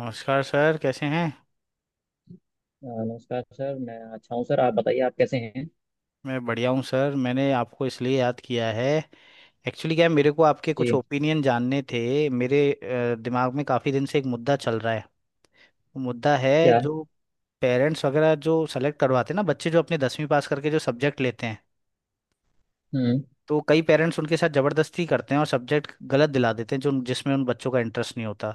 नमस्कार सर, कैसे हैं। नमस्कार सर, मैं अच्छा हूँ। सर आप बताइए, आप कैसे हैं? मैं बढ़िया हूँ सर। मैंने आपको इसलिए याद किया है, एक्चुअली क्या है, मेरे को आपके कुछ जी। ओपिनियन जानने थे। मेरे दिमाग में काफ़ी दिन से एक मुद्दा चल रहा है। वो मुद्दा है क्या? जो पेरेंट्स वगैरह जो सेलेक्ट करवाते हैं ना, बच्चे जो अपने दसवीं पास करके जो सब्जेक्ट लेते हैं, हम्म। तो कई पेरेंट्स उनके साथ ज़बरदस्ती करते हैं और सब्जेक्ट गलत दिला देते हैं, जो जिसमें उन बच्चों का इंटरेस्ट नहीं होता।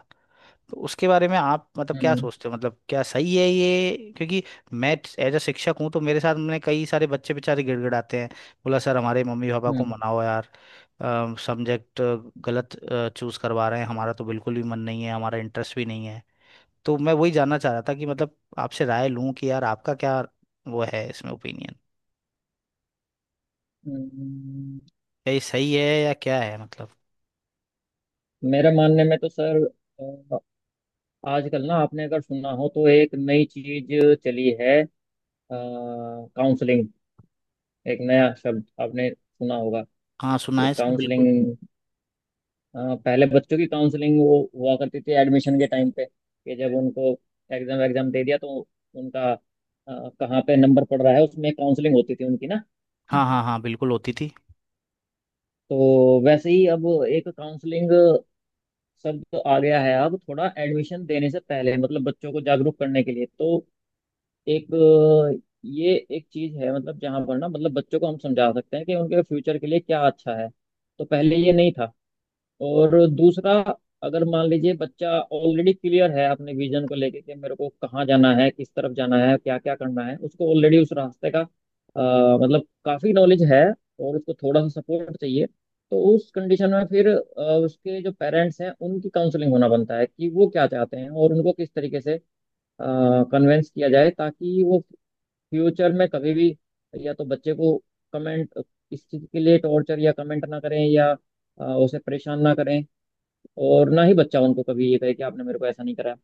तो उसके बारे में आप मतलब क्या हम्म। सोचते हो, मतलब क्या सही है ये, क्योंकि मैं एज अ शिक्षक हूँ, तो मेरे साथ मैंने कई सारे बच्चे बेचारे गिड़गिड़ाते हैं। बोला सर हमारे मम्मी पापा को हम्म। मनाओ यार, सब्जेक्ट गलत चूज करवा रहे हैं, हमारा तो बिल्कुल भी मन नहीं है, हमारा इंटरेस्ट भी नहीं है। तो मैं वही जानना चाह रहा था कि मतलब आपसे राय लूं कि यार आपका क्या वो है, इसमें ओपिनियन हम्म। क्या, ये सही है या क्या है मतलब। मेरे मानने में तो सर, अ, आजकल ना आपने अगर सुना हो तो एक नई चीज चली है। काउंसलिंग, एक नया शब्द आपने सुना होगा, हाँ सुना कि है सर, बिल्कुल। काउंसलिंग। पहले बच्चों की काउंसलिंग वो हुआ करती थी, एडमिशन के टाइम पे, कि जब उनको एग्जाम एग्जाम दे दिया तो उनका कहाँ पे नंबर पड़ रहा है, उसमें काउंसलिंग होती थी उनकी ना। हाँ हाँ हाँ, बिल्कुल होती थी। तो वैसे ही अब एक काउंसलिंग शब्द आ गया है। अब थोड़ा एडमिशन देने से पहले मतलब बच्चों को जागरूक करने के लिए, तो एक ये एक चीज है, मतलब जहां पर ना मतलब बच्चों को हम समझा सकते हैं कि उनके फ्यूचर के लिए क्या अच्छा है। तो पहले ये नहीं था। और दूसरा, अगर मान लीजिए बच्चा ऑलरेडी क्लियर है अपने विजन को लेके, कि मेरे को कहाँ जाना है, किस तरफ जाना है, क्या क्या करना है, उसको ऑलरेडी उस रास्ते का मतलब काफी नॉलेज है, और उसको थोड़ा सा सपोर्ट चाहिए। तो उस कंडीशन में फिर उसके जो पेरेंट्स हैं उनकी काउंसलिंग होना बनता है, कि वो क्या चाहते हैं और उनको किस तरीके से कन्वेंस किया जाए, ताकि वो फ्यूचर में कभी भी या तो बच्चे को कमेंट इस चीज के लिए टॉर्चर या कमेंट ना करें, या उसे परेशान ना करें, और ना ही बच्चा उनको कभी ये कहे कि आपने मेरे को ऐसा नहीं कराया।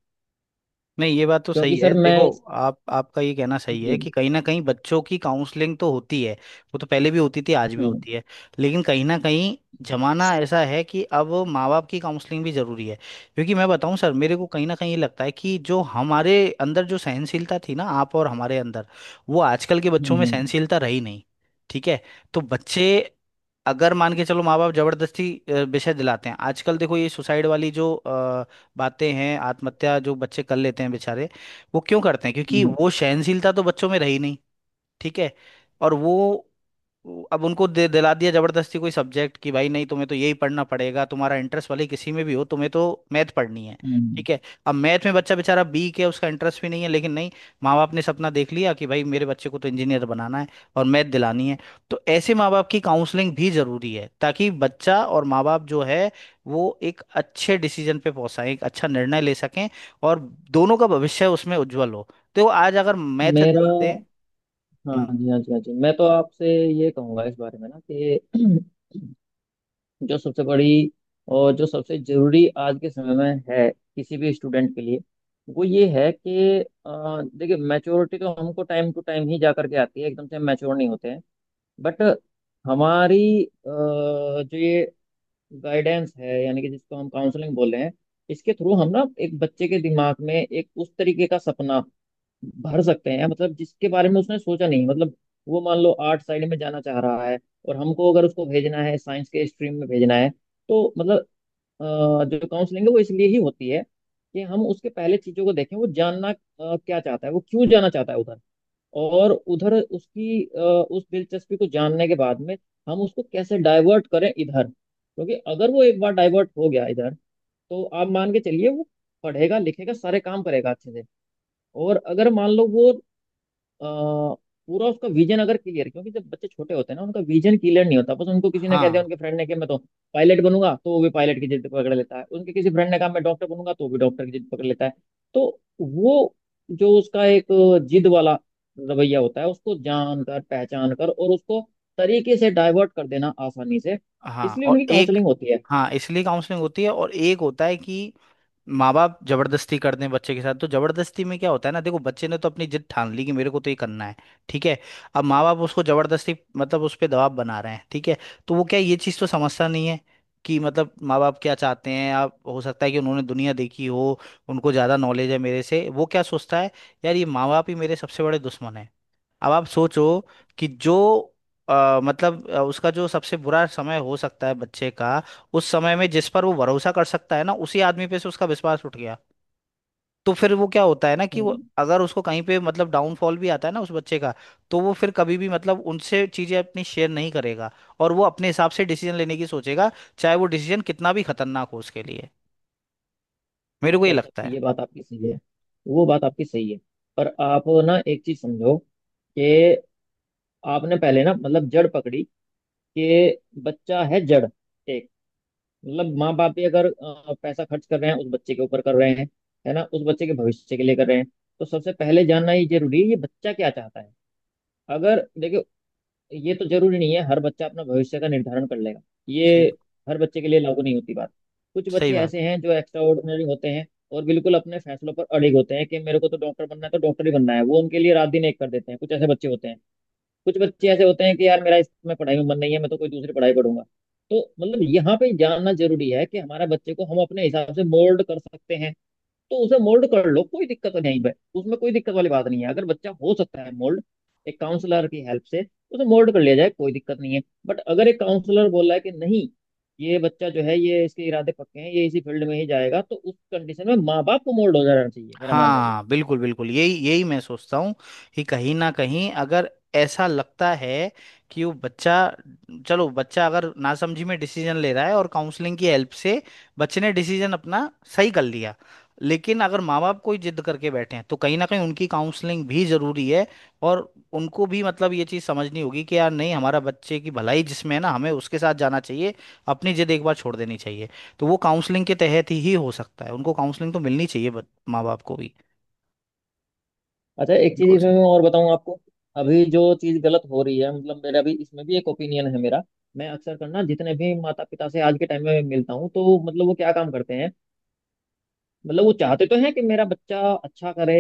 नहीं ये बात तो सही क्योंकि है, सर देखो मैं। आप, आपका ये कहना सही है कि जी। कहीं ना कहीं बच्चों की काउंसलिंग तो होती है। वो तो पहले भी होती थी, आज भी हम्म। होती है। लेकिन कहीं ना कहीं जमाना ऐसा है कि अब माँ बाप की काउंसलिंग भी जरूरी है। क्योंकि मैं बताऊं सर, मेरे को कहीं ना कहीं ये लगता है कि जो हमारे अंदर जो सहनशीलता थी ना, आप और हमारे अंदर, वो आजकल के हम्म। बच्चों में हम्म। सहनशीलता रही नहीं। ठीक है। तो बच्चे अगर मान के चलो, माँ बाप जबरदस्ती विषय दिलाते हैं, आजकल देखो ये सुसाइड वाली जो बातें हैं, आत्महत्या जो बच्चे कर लेते हैं बेचारे, वो क्यों करते हैं, क्योंकि हम्म। वो सहनशीलता तो बच्चों में रही नहीं। ठीक है। और वो अब उनको दे दिला दिया जबरदस्ती कोई सब्जेक्ट कि भाई नहीं, तुम्हें तो यही पढ़ना पड़ेगा, तुम्हारा इंटरेस्ट वाले किसी में भी हो, तुम्हें तो मैथ पढ़नी है। हम्म। ठीक है। अब मैथ में बच्चा बेचारा वीक है, उसका इंटरेस्ट भी नहीं है, लेकिन नहीं, माँ बाप ने सपना देख लिया कि भाई मेरे बच्चे को तो इंजीनियर बनाना है और मैथ दिलानी है। तो ऐसे माँ बाप की काउंसलिंग भी जरूरी है, ताकि बच्चा और माँ बाप जो है वो एक अच्छे डिसीजन पे पहुंचा, एक अच्छा निर्णय ले सकें, और दोनों का भविष्य उसमें उज्जवल हो। तो आज अगर मैथ मेरा। दे। हाँ हम्म? जी, हाँ जी, हाँ जी, मैं तो आपसे ये कहूँगा इस बारे में ना कि जो सबसे बड़ी और जो सबसे जरूरी आज के समय में है किसी भी स्टूडेंट के लिए, वो ये है कि देखिए, मैच्योरिटी तो हमको टाइम टू टाइम ही जा करके आती है, एकदम से हम मैच्योर नहीं होते हैं। बट हमारी जो ये गाइडेंस है, यानी कि जिसको हम काउंसलिंग बोल रहे हैं, इसके थ्रू हम ना एक बच्चे के दिमाग में एक उस तरीके का सपना भर सकते हैं, मतलब जिसके बारे में उसने सोचा नहीं, मतलब वो मान लो आर्ट साइड में जाना चाह रहा है, और हमको अगर उसको भेजना है साइंस के स्ट्रीम में भेजना है, तो मतलब अ, जो काउंसलिंग है वो इसलिए ही होती है, कि हम उसके पहले चीजों को देखें, वो जानना क्या चाहता है, वो क्यों जाना चाहता है उधर, और उधर उसकी उस दिलचस्पी को जानने के बाद में, हम उसको कैसे डाइवर्ट करें इधर, क्योंकि अगर वो एक बार डाइवर्ट हो गया इधर, तो आप मान के चलिए वो पढ़ेगा लिखेगा सारे काम करेगा अच्छे से। और अगर मान लो वो पूरा, उसका विजन अगर क्लियर, क्योंकि जब बच्चे छोटे होते हैं ना उनका विजन क्लियर नहीं होता, बस उनको किसी ने कह दिया, हाँ उनके फ्रेंड ने, कि मैं तो पायलट बनूंगा, तो वो भी पायलट की जिद पकड़ लेता है। उनके किसी फ्रेंड ने कहा मैं डॉक्टर बनूंगा, तो वो भी डॉक्टर की जिद पकड़ लेता है। तो वो जो उसका एक जिद वाला रवैया होता है, उसको जान कर पहचान कर, और उसको तरीके से डाइवर्ट कर देना आसानी से, हाँ, इसलिए और उनकी एक। काउंसलिंग होती है। हाँ, इसलिए काउंसलिंग होती है। और एक होता है कि माँ बाप जबरदस्ती करते हैं बच्चे के साथ, तो जबरदस्ती में क्या होता है ना, देखो बच्चे ने तो अपनी जिद ठान ली कि मेरे को तो ये करना है। ठीक है। अब माँ बाप उसको जबरदस्ती मतलब उस पर दबाव बना रहे हैं। ठीक है। तो वो क्या है, ये चीज़ तो समझता नहीं है कि मतलब माँ बाप क्या चाहते हैं, आप हो सकता है कि उन्होंने दुनिया देखी हो, उनको ज़्यादा नॉलेज है मेरे से। वो क्या सोचता है, यार ये माँ बाप ही मेरे सबसे बड़े दुश्मन है। अब आप सोचो कि जो मतलब उसका जो सबसे बुरा समय हो सकता है बच्चे का, उस समय में जिस पर वो भरोसा कर सकता है ना, उसी आदमी पे से उसका विश्वास उठ गया, तो फिर वो क्या होता है ना, कि वो हम्म। अगर उसको कहीं पे मतलब डाउनफॉल भी आता है ना उस बच्चे का, तो वो फिर कभी भी मतलब उनसे चीजें अपनी शेयर नहीं करेगा, और वो अपने हिसाब से डिसीजन लेने की सोचेगा, चाहे वो डिसीजन कितना भी खतरनाक हो उसके लिए। मेरे को ये सर, लगता है। ये बात आपकी सही है, वो बात आपकी सही है। पर आप ना एक चीज समझो, कि आपने पहले ना मतलब जड़ पकड़ी, कि बच्चा है जड़ एक, मतलब माँ बाप भी अगर पैसा खर्च कर रहे हैं उस बच्चे के ऊपर कर रहे हैं, है ना, उस बच्चे के भविष्य के लिए कर रहे हैं, तो सबसे पहले जानना ये जरूरी है ये बच्चा क्या चाहता है। अगर देखो, ये तो जरूरी नहीं है हर बच्चा अपना भविष्य का निर्धारण कर लेगा, ये सही। हर बच्चे के लिए लागू नहीं होती बात। कुछ सही बच्चे बात। ऐसे हैं जो एक्स्ट्रा ऑर्डिनरी होते हैं, और बिल्कुल अपने फैसलों पर अड़िग होते हैं, कि मेरे को तो डॉक्टर बनना है तो डॉक्टर ही बनना है, वो उनके लिए रात दिन एक कर देते हैं, कुछ ऐसे बच्चे होते हैं। कुछ बच्चे ऐसे होते हैं कि यार मेरा इसमें पढ़ाई में मन नहीं है, मैं तो कोई दूसरी पढ़ाई पढ़ूंगा। तो मतलब यहाँ पे जानना जरूरी है कि हमारे बच्चे को हम अपने हिसाब से मोल्ड कर सकते हैं, तो उसे मोल्ड कर लो, कोई दिक्कत नहीं है। उसमें कोई दिक्कत वाली बात नहीं है, अगर बच्चा हो सकता है मोल्ड एक काउंसलर की हेल्प से, उसे मोल्ड कर लिया जाए, कोई दिक्कत नहीं है। बट अगर एक काउंसलर बोला है कि नहीं, ये बच्चा जो है ये इसके इरादे पक्के हैं, ये इसी फील्ड में ही जाएगा, तो उस कंडीशन में माँ बाप को मोल्ड हो जाना चाहिए, मेरा मानना ये है। हाँ बिल्कुल बिल्कुल, यही यही मैं सोचता हूँ कि कहीं ना कहीं अगर ऐसा लगता है कि वो बच्चा, चलो बच्चा अगर नासमझी में डिसीजन ले रहा है और काउंसलिंग की हेल्प से बच्चे ने डिसीजन अपना सही कर लिया, लेकिन अगर माँ बाप कोई जिद करके बैठे हैं, तो कहीं ना कहीं उनकी काउंसलिंग भी जरूरी है। और उनको भी मतलब ये चीज़ समझनी होगी कि यार नहीं, हमारा बच्चे की भलाई जिसमें है ना, हमें उसके साथ जाना चाहिए, अपनी जिद एक बार छोड़ देनी चाहिए। तो वो काउंसलिंग के तहत ही हो सकता है, उनको काउंसलिंग तो मिलनी चाहिए, बट माँ बाप को भी। अच्छा, एक चीज बिल्कुल इसमें सही। मैं और बताऊं आपको। अभी जो चीज गलत हो रही है, मतलब मेरा भी इसमें भी एक ओपिनियन है मेरा। मैं अक्सर करना, जितने भी माता पिता से आज के टाइम में मिलता हूँ, तो मतलब वो क्या काम करते हैं, मतलब वो चाहते तो हैं कि मेरा बच्चा अच्छा करे,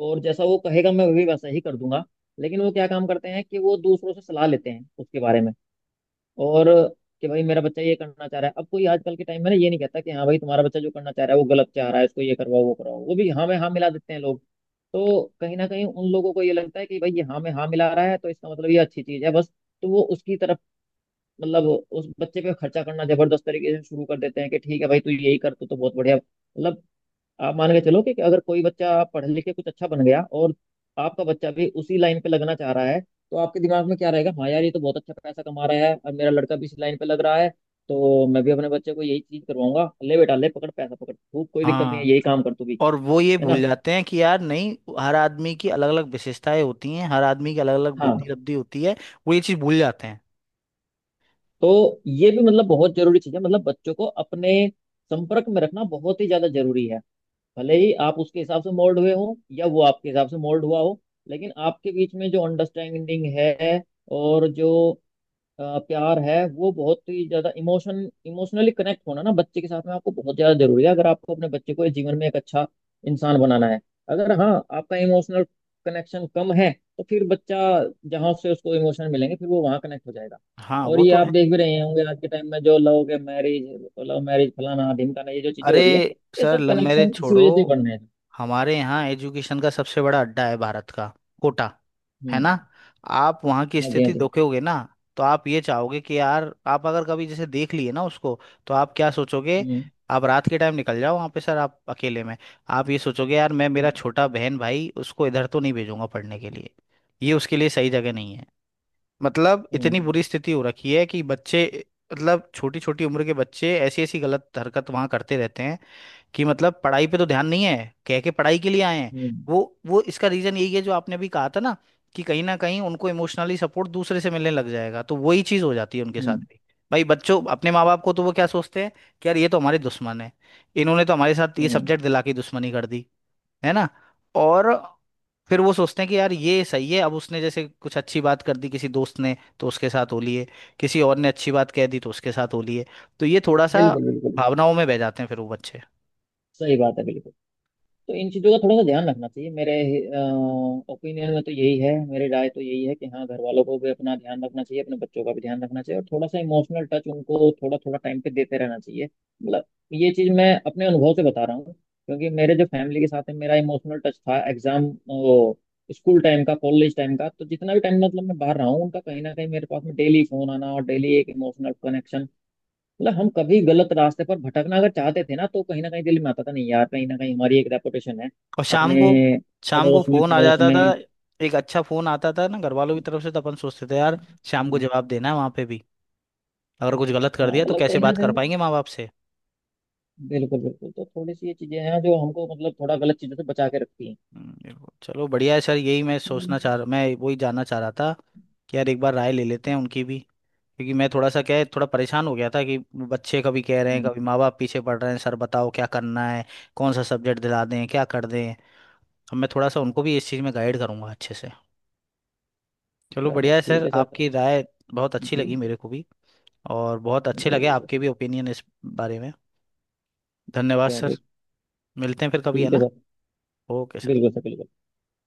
और जैसा वो कहेगा मैं भी वैसा ही कर दूंगा। लेकिन वो क्या काम करते हैं, कि वो दूसरों से सलाह लेते हैं उसके बारे में, और कि भाई मेरा बच्चा ये करना चाह रहा है, अब कोई आजकल के टाइम में ना ये नहीं कहता कि हाँ भाई तुम्हारा बच्चा जो करना चाह रहा है वो गलत चाह रहा है, इसको ये करवाओ वो करवाओ, वो भी हाँ में हाँ मिला देते हैं लोग। तो कहीं ना कहीं उन लोगों को ये लगता है कि भाई ये हाँ में हाँ मिला रहा है तो इसका मतलब ये अच्छी चीज है, बस। तो वो उसकी तरफ, मतलब उस बच्चे पे खर्चा करना जबरदस्त तरीके से शुरू कर देते हैं, कि ठीक है भाई तू यही कर, तू तो बहुत बढ़िया, मतलब आप मान के चलो कि अगर कोई बच्चा पढ़ लिख के कुछ अच्छा बन गया और आपका बच्चा भी उसी लाइन पे लगना चाह रहा है, तो आपके दिमाग में क्या रहेगा, हाँ यार ये तो बहुत अच्छा पैसा कमा रहा है, अब मेरा लड़का भी इस लाइन पे लग रहा है, तो मैं भी अपने बच्चे को यही चीज करवाऊंगा, ले बेटा ले, पकड़ पैसा पकड़ खूब, कोई दिक्कत नहीं हाँ, है, यही काम कर तू भी। और वो ये है भूल ना। जाते हैं कि यार नहीं, हर आदमी की अलग अलग विशेषताएं होती हैं, हर आदमी की अलग अलग हाँ। बुद्धि लब्धि होती है। वो ये चीज़ भूल जाते हैं। तो ये भी मतलब बहुत जरूरी चीज है, मतलब बच्चों को अपने संपर्क में रखना बहुत ही ज्यादा जरूरी है, भले ही आप उसके हिसाब से मोल्ड हुए हो या वो आपके हिसाब से मोल्ड हुआ हो, लेकिन आपके बीच में जो अंडरस्टैंडिंग है और जो प्यार है, वो बहुत ही ज्यादा इमोशनली कनेक्ट होना ना बच्चे के साथ में आपको बहुत ज्यादा जरूरी है, अगर आपको अपने बच्चे को इस जीवन में एक अच्छा इंसान बनाना है। अगर, हाँ, आपका इमोशनल कनेक्शन कम है, तो फिर बच्चा जहाँ से उसको इमोशन मिलेंगे फिर वो वहाँ कनेक्ट हो जाएगा। हाँ और वो ये तो आप है। देख भी रहे होंगे आज के टाइम में, जो लव मैरिज फलाना ढिमकाना, ये जो चीजें अरे हो रही है, ये सर, सब लव मैरिज कनेक्शन इसी छोड़ो, वजह से बन रहे हैं। हमारे यहाँ एजुकेशन का सबसे बड़ा अड्डा है, भारत का कोटा। है ना। हम्म। आप वहाँ की हाँ जी, हाँ स्थिति जी। देखोगे ना, तो आप ये चाहोगे कि यार, आप अगर कभी जैसे देख लिए ना उसको, तो आप क्या सोचोगे। हम्म। आप रात के टाइम निकल जाओ वहाँ पे सर, आप अकेले में, आप ये सोचोगे यार मैं मेरा हम्म। छोटा बहन भाई उसको इधर तो नहीं भेजूंगा पढ़ने के लिए, ये उसके लिए सही जगह नहीं है। मतलब इतनी हम्म। बुरी स्थिति हो रखी है कि बच्चे, मतलब छोटी छोटी उम्र के बच्चे ऐसी ऐसी गलत हरकत वहाँ करते रहते हैं कि मतलब पढ़ाई पे तो ध्यान नहीं है, कह के पढ़ाई के लिए आए हैं। हम्म। वो इसका रीजन यही है जो आपने अभी कहा था ना, कि कहीं ना कहीं उनको इमोशनली सपोर्ट दूसरे से मिलने लग जाएगा, तो वही चीज हो जाती है उनके साथ हम्म। भी। भाई बच्चों अपने माँ बाप को तो वो क्या सोचते हैं कि यार ये तो हमारे दुश्मन है, इन्होंने तो हमारे साथ ये हम्म। सब्जेक्ट दिला के दुश्मनी कर दी है ना। और फिर वो सोचते हैं कि यार ये सही है, अब उसने जैसे कुछ अच्छी बात कर दी किसी दोस्त ने तो उसके साथ हो लिए, किसी और ने अच्छी बात कह दी तो उसके साथ हो लिए। तो ये थोड़ा सा बिल्कुल बिल्कुल। भावनाओं में बह जाते हैं फिर वो बच्चे। सही बात है, बिल्कुल। तो इन चीज़ों का थोड़ा सा ध्यान रखना चाहिए, मेरे ओपिनियन में तो यही है, मेरी राय तो यही है कि हाँ, घर वालों को भी अपना ध्यान रखना चाहिए, अपने बच्चों का भी ध्यान रखना चाहिए, और थोड़ा सा इमोशनल टच उनको थोड़ा थोड़ा टाइम पे देते रहना चाहिए। मतलब ये चीज़ मैं अपने अनुभव से बता रहा हूँ, क्योंकि मेरे जो फैमिली के साथ है मेरा इमोशनल टच था, एग्जाम वो स्कूल टाइम का, कॉलेज टाइम का, तो जितना भी टाइम मतलब मैं बाहर रहा हूँ, उनका कहीं ना कहीं मेरे पास में डेली फोन आना, और डेली एक इमोशनल कनेक्शन, मतलब हम कभी गलत रास्ते पर भटकना अगर चाहते थे ना, तो कहीं ना कहीं दिल में आता था, नहीं यार, कहीं ना कहीं हमारी एक रेपुटेशन है और शाम को, अपने शाम को पड़ोस में, फोन आ पड़ोस जाता था, में। एक अच्छा फोन आता था ना घर वालों की तरफ से, तो अपन सोचते थे यार शाम को जवाब देना है वहां पे भी, अगर कुछ गलत कर हाँ, दिया तो मतलब कैसे कहीं ना बात कर कहीं, पाएंगे माँ बाप से। बिल्कुल बिल्कुल। तो थोड़ी सी ये चीजें हैं जो हमको मतलब थोड़ा गलत चीजों से बचा के रखती हैं। चलो बढ़िया है सर, यही मैं हम्म। सोचना चाह रहा, मैं वही जानना चाह रहा था कि यार एक बार राय ले लेते हैं उनकी भी, क्योंकि मैं थोड़ा सा क्या है, थोड़ा परेशान हो गया था कि बच्चे कभी कह रहे हैं, कभी माँ बाप पीछे पड़ रहे हैं, सर बताओ क्या करना है, कौन सा सब्जेक्ट दिला दें, क्या कर दें। अब मैं थोड़ा सा उनको भी इस चीज़ में गाइड करूंगा अच्छे से। चलो चलो बढ़िया है ठीक सर, है सर। आपकी राय बहुत अच्छी जी। लगी मेरे को भी, और बहुत अच्छे लगे बिल्कुल सर। आपके भी ओपिनियन इस बारे में। धन्यवाद सर, चलिए। मिलते हैं फिर कभी, है ठीक है ना। सर। Okay sir. बिल्कुल सर, बिल्कुल।